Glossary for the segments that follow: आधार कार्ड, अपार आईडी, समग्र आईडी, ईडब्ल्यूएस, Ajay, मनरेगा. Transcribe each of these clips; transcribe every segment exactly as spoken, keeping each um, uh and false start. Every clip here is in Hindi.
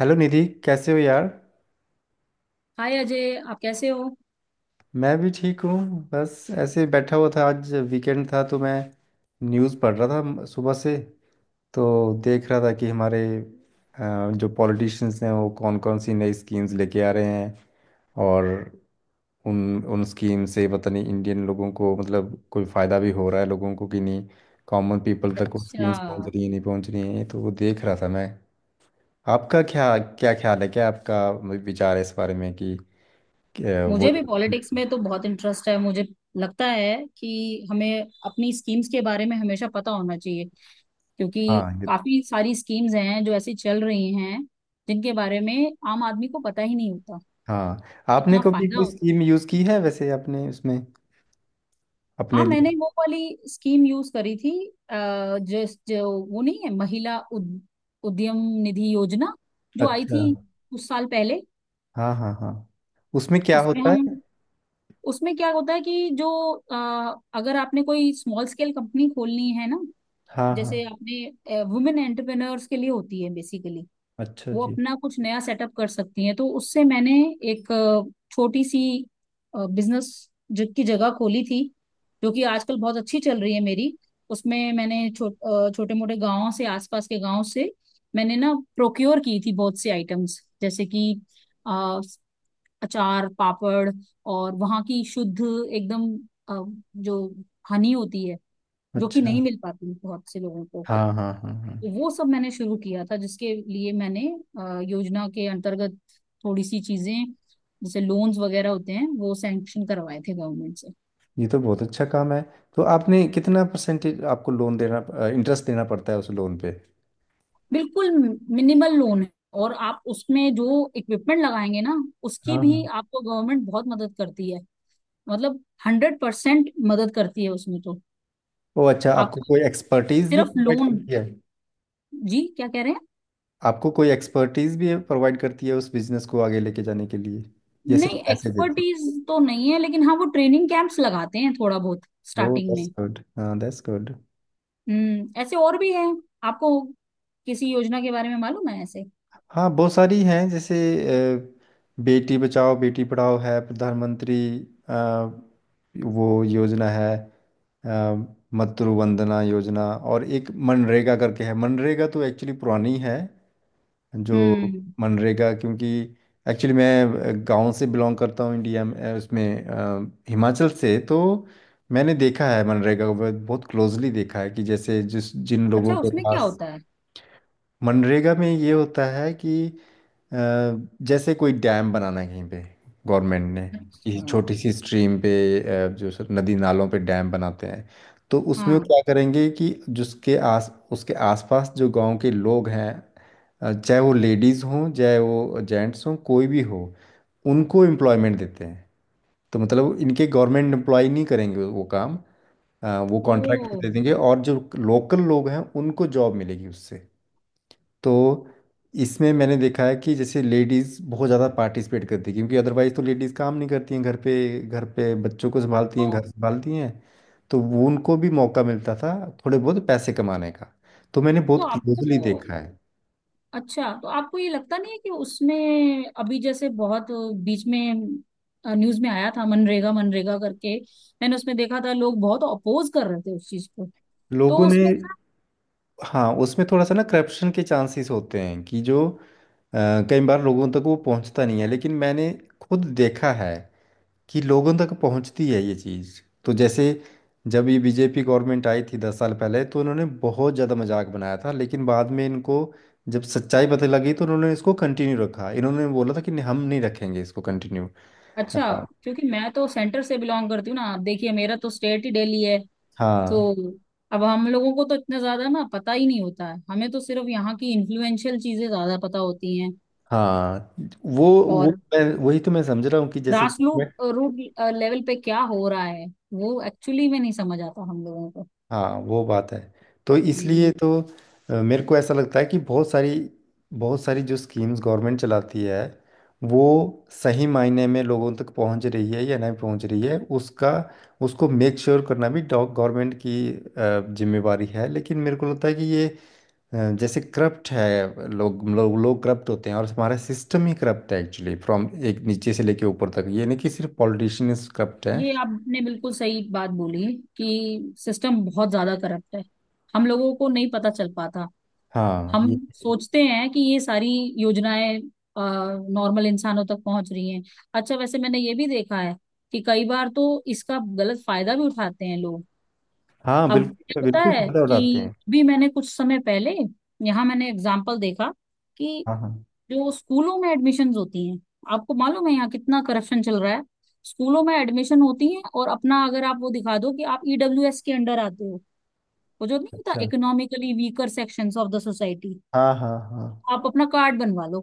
हेलो निधि, कैसे हो यार। हाय अजय, आप कैसे हो? मैं भी ठीक हूँ। बस ऐसे ही बैठा हुआ था, आज वीकेंड था तो मैं न्यूज़ पढ़ रहा था म- सुबह से। तो देख रहा था कि हमारे अ, जो पॉलिटिशियंस हैं वो कौन कौन सी नई स्कीम्स लेके आ रहे हैं। और उन उन स्कीम से पता नहीं इंडियन लोगों को मतलब कोई फ़ायदा भी हो रहा है लोगों को कि नहीं, कॉमन पीपल तक वो अच्छा। स्कीम्स पहुंच रही है नहीं पहुंच रही है, तो वो देख रहा था मैं। आपका क्या क्या ख्याल है, क्या आपका विचार है इस बारे में कि कि, अ, वो मुझे भी जो- पॉलिटिक्स में तो बहुत इंटरेस्ट है। मुझे लगता है कि हमें अपनी स्कीम्स के बारे में हमेशा पता होना चाहिए, क्योंकि हाँ काफी सारी स्कीम्स हैं जो ऐसी चल रही हैं जिनके बारे में आम आदमी को पता ही नहीं होता। हाँ। आपने इतना कभी फायदा कोई होता। स्कीम यूज़ की है वैसे, अपने उसमें अपने हाँ, मैंने लिए? वो वाली स्कीम यूज करी थी। अ, जो जो वो नहीं है, महिला उद, उद्यम निधि योजना, जो आई अच्छा। थी कुछ साल पहले। हाँ हाँ हाँ। उसमें क्या उसमें होता हम है? उसमें क्या होता है कि जो, अ, अगर आपने कोई स्मॉल स्केल कंपनी खोलनी है ना, हाँ हाँ। जैसे आपने वुमेन एंटरप्रेन्योर्स के लिए होती है बेसिकली, अच्छा वो जी। अपना कुछ नया सेटअप कर सकती हैं। तो उससे मैंने एक अ, छोटी सी बिजनेस की जगह खोली थी, जो कि आजकल बहुत अच्छी चल रही है मेरी। उसमें मैंने छो, छोटे मोटे गांवों से, आसपास के गांव से मैंने ना प्रोक्योर की थी बहुत से आइटम्स, जैसे कि अचार, पापड़, और वहाँ की शुद्ध एकदम अ, जो हनी होती है, जो कि अच्छा। नहीं मिल पाती बहुत से लोगों को। हाँ हाँ हाँ हाँ। तो वो सब मैंने शुरू किया था, जिसके लिए मैंने अ, योजना के अंतर्गत थोड़ी सी चीजें जैसे लोन्स वगैरह होते हैं वो सैंक्शन करवाए थे गवर्नमेंट से। ये तो बहुत अच्छा काम है। तो आपने कितना परसेंटेज आपको लोन देना, इंटरेस्ट देना पड़ता है उस लोन पे? बिल्कुल। मिनिमल लोन है, और आप उसमें जो इक्विपमेंट लगाएंगे ना, उसकी हाँ भी हाँ। आपको गवर्नमेंट बहुत मदद करती है। मतलब हंड्रेड परसेंट मदद करती है उसमें तो। ओ अच्छा, आप आपको कोई एक्सपर्टीज भी सिर्फ प्रोवाइड लोन। करती है? जी, क्या कह रहे हैं? आपको कोई एक्सपर्टीज भी प्रोवाइड करती है उस बिजनेस को आगे लेके जाने के लिए, ये सिर्फ नहीं, पैसे देती एक्सपर्टीज तो नहीं है, लेकिन हाँ वो ट्रेनिंग कैंप्स लगाते हैं थोड़ा बहुत है? ओ स्टार्टिंग दैट्स में। गुड, हाँ दैट्स गुड। हम्म। ऐसे और भी है आपको किसी योजना के बारे में मालूम है ऐसे? हाँ बहुत सारी हैं, जैसे अ, बेटी बचाओ बेटी पढ़ाओ है प्रधानमंत्री, अ, वो योजना है, अ, मातृ वंदना योजना, और एक मनरेगा करके है। मनरेगा तो एक्चुअली पुरानी है जो, हम्म। मनरेगा क्योंकि एक्चुअली मैं गांव से बिलोंग करता हूँ इंडिया में, अ, उसमें अ, हिमाचल से, तो मैंने देखा है मनरेगा को बहुत बहुत क्लोजली देखा है कि जैसे जिस जिन अच्छा, लोगों के उसमें क्या पास, होता है? मनरेगा में ये होता है कि अ, जैसे कोई डैम बनाना है कहीं पे, गवर्नमेंट ने ये अच्छा। छोटी सी स्ट्रीम पे, अ, जो सर नदी नालों पे डैम बनाते हैं, तो उसमें वो हाँ। क्या करेंगे कि जिसके आस उसके आसपास जो गांव के लोग हैं, अ, चाहे वो लेडीज़ हों चाहे वो जेंट्स हों कोई भी हो, उनको एम्प्लॉयमेंट देते हैं। तो मतलब इनके गवर्नमेंट एम्प्लॉय नहीं करेंगे वो काम, अ, वो कॉन्ट्रैक्ट ओ। दे देंगे और जो लोकल लोग हैं उनको जॉब मिलेगी उससे। तो इसमें मैंने देखा है कि जैसे लेडीज़ बहुत ज़्यादा पार्टिसिपेट करती है क्योंकि अदरवाइज़ तो लेडीज़ काम नहीं करती हैं घर पे, घर पे बच्चों को संभालती हैं, घर तो। संभालती हैं, तो वो उनको भी मौका मिलता था थोड़े बहुत पैसे कमाने का। तो मैंने तो बहुत क्लोजली आपको देखा है। अच्छा, तो आपको ये लगता नहीं है कि उसमें अभी जैसे बहुत बीच में न्यूज में आया था, मनरेगा मनरेगा करके? मैंने उसमें देखा था लोग बहुत अपोज कर रहे थे उस चीज को। तो लोगों ने, उसमें हाँ उसमें थोड़ा सा ना करप्शन के चांसेस होते हैं कि जो अ, कई बार लोगों तक वो पहुंचता नहीं है, लेकिन मैंने खुद देखा है कि लोगों तक पहुंचती है ये चीज़। तो जैसे जब ये बीजेपी गवर्नमेंट आई थी दस साल पहले तो उन्होंने बहुत ज़्यादा मजाक बनाया था, लेकिन बाद में इनको जब सच्चाई पता लगी तो उन्होंने इसको कंटिन्यू रखा, इन्होंने बोला था कि नहीं, हम नहीं रखेंगे इसको कंटिन्यू। अच्छा। हाँ क्योंकि मैं तो सेंटर से बिलोंग करती हूँ ना, आप देखिए मेरा तो स्टेट ही दिल्ली है। तो हाँ अब हम लोगों को तो इतना ज्यादा ना पता ही नहीं होता है, हमें तो सिर्फ यहाँ की इन्फ्लुएंशियल चीजें ज्यादा पता होती हैं। हाँ, वो वो और मैं वही तो मैं समझ रहा हूँ कि जैसे, ग्रास रूट रूट लेवल पे क्या हो रहा है वो एक्चुअली में नहीं समझ आता हम लोगों को। हाँ वो बात है। तो हम्म। इसलिए तो अ, मेरे को ऐसा लगता है कि बहुत सारी बहुत सारी जो स्कीम्स गवर्नमेंट चलाती है वो सही मायने में लोगों तक पहुंच रही है या नहीं पहुंच रही है, उसका उसको मेक श्योर करना भी गवर्नमेंट की अ, जिम्मेवारी है। लेकिन मेरे को लगता है कि ये अ, जैसे करप्ट है, लोग लोग लोग करप्ट होते हैं और हमारा सिस्टम ही करप्ट है एक्चुअली, फ्रॉम एक नीचे से लेके ऊपर तक, ये नहीं कि सिर्फ पॉलिटिशियंस करप्ट हैं। ये आपने बिल्कुल सही बात बोली कि सिस्टम बहुत ज्यादा करप्ट है, हम लोगों को नहीं पता चल पाता। हाँ हम ये, सोचते हैं कि ये सारी योजनाएं नॉर्मल इंसानों तक पहुंच रही हैं। अच्छा, वैसे मैंने ये भी देखा है कि कई बार तो इसका गलत फायदा भी उठाते हैं लोग। हाँ अब क्या बिल्कुल होता बिल्कुल है फायदा उठाते कि हैं। भी मैंने कुछ समय पहले यहाँ मैंने एग्जाम्पल देखा कि हाँ हाँ, जो स्कूलों में एडमिशन्स होती हैं, आपको मालूम है यहाँ कितना करप्शन चल रहा है? स्कूलों में एडमिशन होती है, और अपना अगर आप वो दिखा दो कि आप ई डब्ल्यू एस के अंडर आते हो, वो जो नहीं होता, अच्छा, economically weaker sections of the society, हाँ हाँ हाँ आप अपना कार्ड बनवा लो।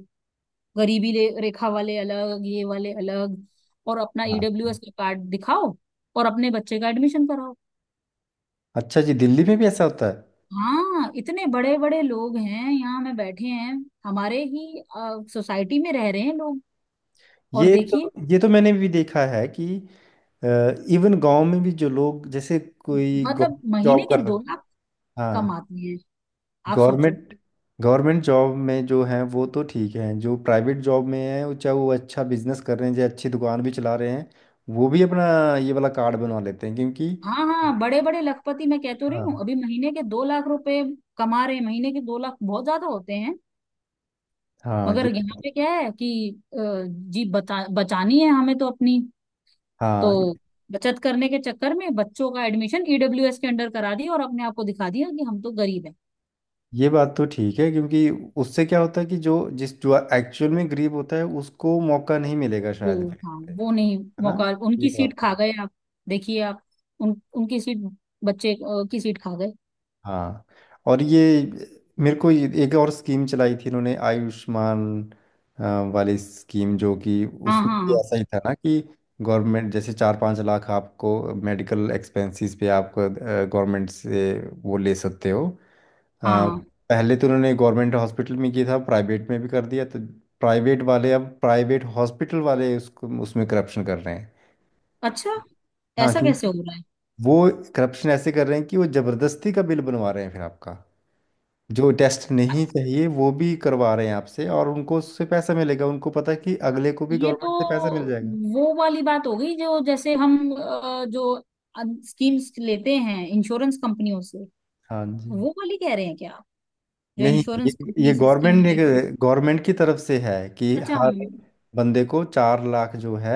गरीबी ले- रेखा वाले अलग, ये वाले अलग। और अपना हाँ। ई डब्ल्यू एस का कार्ड दिखाओ और अपने बच्चे का एडमिशन कराओ। अच्छा जी, दिल्ली में भी ऐसा होता है? हाँ, इतने बड़े बड़े लोग हैं यहाँ में बैठे हैं, हमारे ही सोसाइटी में रह रहे हैं लोग। और ये देखिए, तो ये तो मैंने भी देखा है कि इवन गांव में भी जो लोग जैसे कोई मतलब महीने जॉब के कर रहे, दो लाख हाँ, कमाते हैं। आप सोचो। गवर्नमेंट गवर्नमेंट जॉब में जो हैं वो तो ठीक हैं, जो प्राइवेट जॉब में हैं वो, चाहे वो अच्छा बिजनेस कर रहे हैं चाहे अच्छी दुकान भी चला रहे हैं, वो भी अपना ये वाला कार्ड बनवा लेते हैं क्योंकि, हाँ हाँ, बड़े बड़े लखपति, मैं कह तो रही हूँ, हाँ अभी महीने के दो लाख रुपए कमा रहे हैं। महीने के दो लाख बहुत ज्यादा होते हैं। हाँ मगर ये, यहाँ पे क्या है कि अ, जी बता बचानी है हमें तो अपनी, तो हाँ बचत करने के चक्कर में बच्चों का एडमिशन ई डब्ल्यू एस के अंडर करा दिया और अपने आप को दिखा दिया कि हम तो गरीब हैं। ये बात तो ठीक है क्योंकि उससे क्या होता है कि जो जिस जो एक्चुअल में गरीब होता है उसको मौका नहीं मिलेगा शायद, वो हाँ, है वो नहीं ना। मौका, ये उनकी सीट बात है। खा गए आप। देखिए आप, उन उनकी सीट, बच्चे अ, की सीट खा गए। हाँ और ये, मेरे को ये- एक और स्कीम चलाई थी इन्होंने, आयुष्मान अ, वाली स्कीम, जो कि हाँ उसमें भी हाँ ऐसा ही था ना कि गवर्नमेंट जैसे चार पाँच लाख आपको मेडिकल एक्सपेंसेस पे आप गवर्नमेंट से वो ले सकते हो। अ, हाँ। पहले तो उन्होंने गवर्नमेंट हॉस्पिटल में किया था, प्राइवेट में भी कर दिया, तो प्राइवेट वाले, अब प्राइवेट हॉस्पिटल वाले उसको उसमें करप्शन कर रहे हैं। अच्छा, हाँ ऐसा कैसे क्योंकि हो रहा है? वो करप्शन ऐसे कर रहे हैं कि वो जबरदस्ती का बिल बनवा रहे हैं फिर आपका, जो टेस्ट नहीं चाहिए वो भी करवा रहे हैं आपसे, और उनको उससे पैसा मिलेगा, उनको पता है कि अगले को भी ये तो गवर्नमेंट से पैसा मिल जाएगा। वो वाली बात हो गई, जो जैसे हम, अ, जो स्कीम्स लेते हैं इंश्योरेंस कंपनियों से, हाँ जी। वो वाली कह रहे हैं क्या आप? जो नहीं इंश्योरेंस ये, ये कंपनी से स्कीम गवर्नमेंट ने, लेते हैं? गवर्नमेंट की तरफ से है कि अच्छा, हर बंदे को चार लाख जो है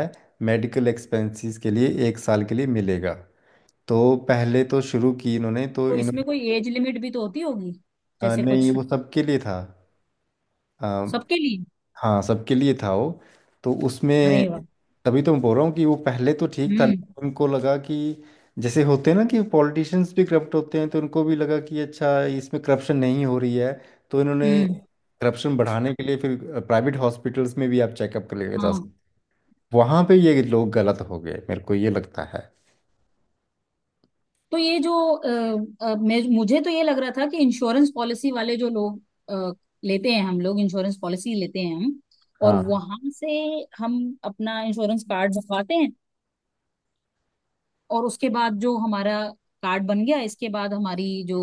मेडिकल एक्सपेंसेस के लिए एक साल के लिए मिलेगा। तो पहले तो शुरू की इन्होंने, तो तो इसमें इन्होंने कोई एज लिमिट भी तो होती होगी, अ, जैसे कुछ? नहीं, वो सबके लिए था। सबके लिए? हाँ सबके लिए था वो। तो उसमें अरे वाह। तभी तो मैं बोल रहा हूँ कि वो पहले तो ठीक था, हम्म। लेकिन उनको लगा कि जैसे होते हैं ना कि पॉलिटिशियंस भी करप्ट होते हैं, तो उनको भी लगा कि अच्छा इसमें करप्शन नहीं हो रही है, तो इन्होंने हम्म। करप्शन बढ़ाने के लिए फिर प्राइवेट हॉस्पिटल्स में भी आप चेकअप कर लेके जा हाँ। सकते। वहाँ पे ये लोग गलत हो गए, मेरे को ये लगता है। तो ये जो अ, अ, मैं मुझे तो ये लग रहा था कि इंश्योरेंस पॉलिसी वाले जो लोग अ, लेते हैं, हम लोग इंश्योरेंस पॉलिसी लेते हैं हम, और हाँ वहां से हम अपना इंश्योरेंस कार्ड बनवाते हैं, और उसके बाद जो हमारा कार्ड बन गया, इसके बाद हमारी जो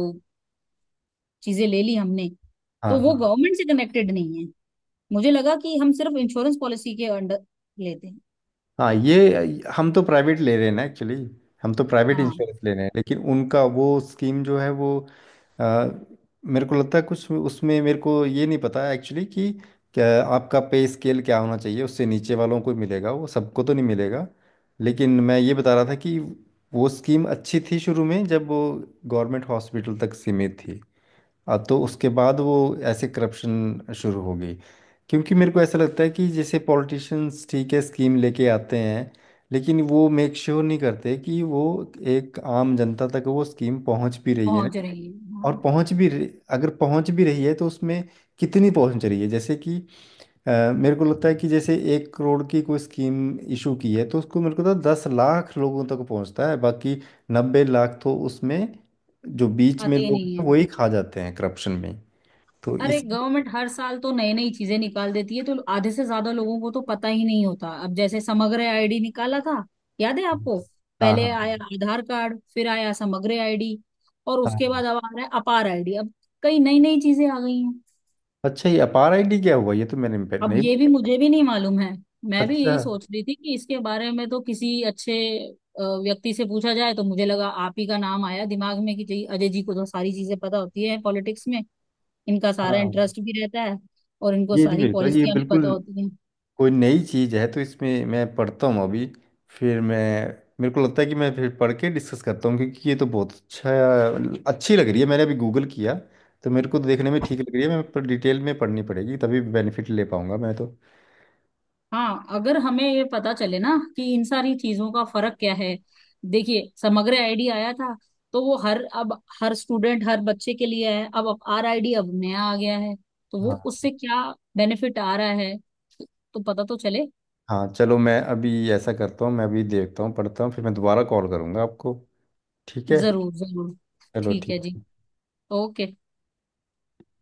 चीजें ले ली हमने, हाँ तो वो हाँ गवर्नमेंट से कनेक्टेड नहीं है। मुझे लगा कि हम सिर्फ इंश्योरेंस पॉलिसी के अंडर लेते हैं। हाँ ये, हम तो प्राइवेट ले रहे हैं ना एक्चुअली, हम तो प्राइवेट हाँ, इंश्योरेंस ले रहे हैं, लेकिन उनका वो स्कीम जो है वो अ, मेरे को लगता है कुछ उसमें, मेरे को ये नहीं पता एक्चुअली कि क्या, आपका पे स्केल क्या होना चाहिए, उससे नीचे वालों को मिलेगा वो, सबको तो नहीं मिलेगा। लेकिन मैं ये बता रहा था कि वो स्कीम अच्छी थी शुरू में जब वो गवर्नमेंट हॉस्पिटल तक सीमित थी, अब तो उसके बाद वो ऐसे करप्शन शुरू हो गई। क्योंकि मेरे को ऐसा लगता है कि जैसे पॉलिटिशियंस ठीक है स्कीम लेके आते हैं, लेकिन वो मेक श्योर नहीं करते कि वो एक आम जनता तक वो स्कीम पहुंच भी रही है ना। पहुंच रही है, और हाँ। पहुंच भी रही- अगर पहुंच भी रही है तो उसमें कितनी पहुंच रही है, जैसे कि अ, मेरे को लगता है कि जैसे एक करोड़ की कोई स्कीम इशू की है तो उसको मेरे को लगता है दस लाख लोगों तक पहुंचता है, बाकी नब्बे लाख तो उसमें जो बीच में आते ही लोग नहीं हैं है। वही खा जाते हैं करप्शन में। तो अरे, इस, गवर्नमेंट हर साल तो नई नई चीजें निकाल देती है, तो आधे से ज्यादा लोगों को तो पता ही नहीं होता। अब जैसे समग्र आईडी निकाला था, याद है आपको? हाँ हाँ पहले आया हाँ। आधार कार्ड, फिर आया समग्र आईडी, और उसके हाँ। बाद अब आ रहा है अपार आईडी अब। कई नई नई चीजें आ गई हैं। अच्छा ये अपार आईडी क्या हुआ, ये तो मैंने पे- अब नहीं। ये भी मुझे भी नहीं मालूम है। मैं भी अच्छा। यही सोच रही थी कि इसके बारे में तो किसी अच्छे अ, व्यक्ति से पूछा जाए, तो मुझे लगा आप ही का नाम आया दिमाग में कि जी- अजय जी को तो सारी चीजें पता होती है पॉलिटिक्स में, इनका सारा हाँ इंटरेस्ट भी रहता है, और इनको ये नहीं, सारी मेरे पास ये पॉलिसियां भी पता बिल्कुल होती हैं। कोई नई चीज़ है, तो इसमें मैं पढ़ता हूँ अभी, फिर मैं मेरे को लगता है कि मैं फिर पढ़ के डिस्कस करता हूँ, क्योंकि ये तो बहुत अच्छा अच्छी लग रही है, मैंने अभी गूगल किया तो मेरे को तो देखने में ठीक लग रही है, मैं पर डिटेल में पढ़नी पड़ेगी तभी बेनिफिट ले पाऊंगा मैं तो। हाँ, अगर हमें ये पता चले ना कि इन सारी चीजों का फर्क क्या है। देखिए, समग्र आईडी आया था, तो वो हर, अब हर स्टूडेंट हर बच्चे के लिए है। अब अब आर आई डी अब नया आ गया है, तो वो हाँ उससे क्या बेनिफिट आ रहा है, तो पता तो चले। हाँ। चलो मैं अभी ऐसा करता हूँ, मैं अभी देखता हूँ पढ़ता हूँ फिर मैं दोबारा कॉल करूँगा आपको। ठीक है। जरूर जरूर। चलो ठीक है जी। ठीक। ओके।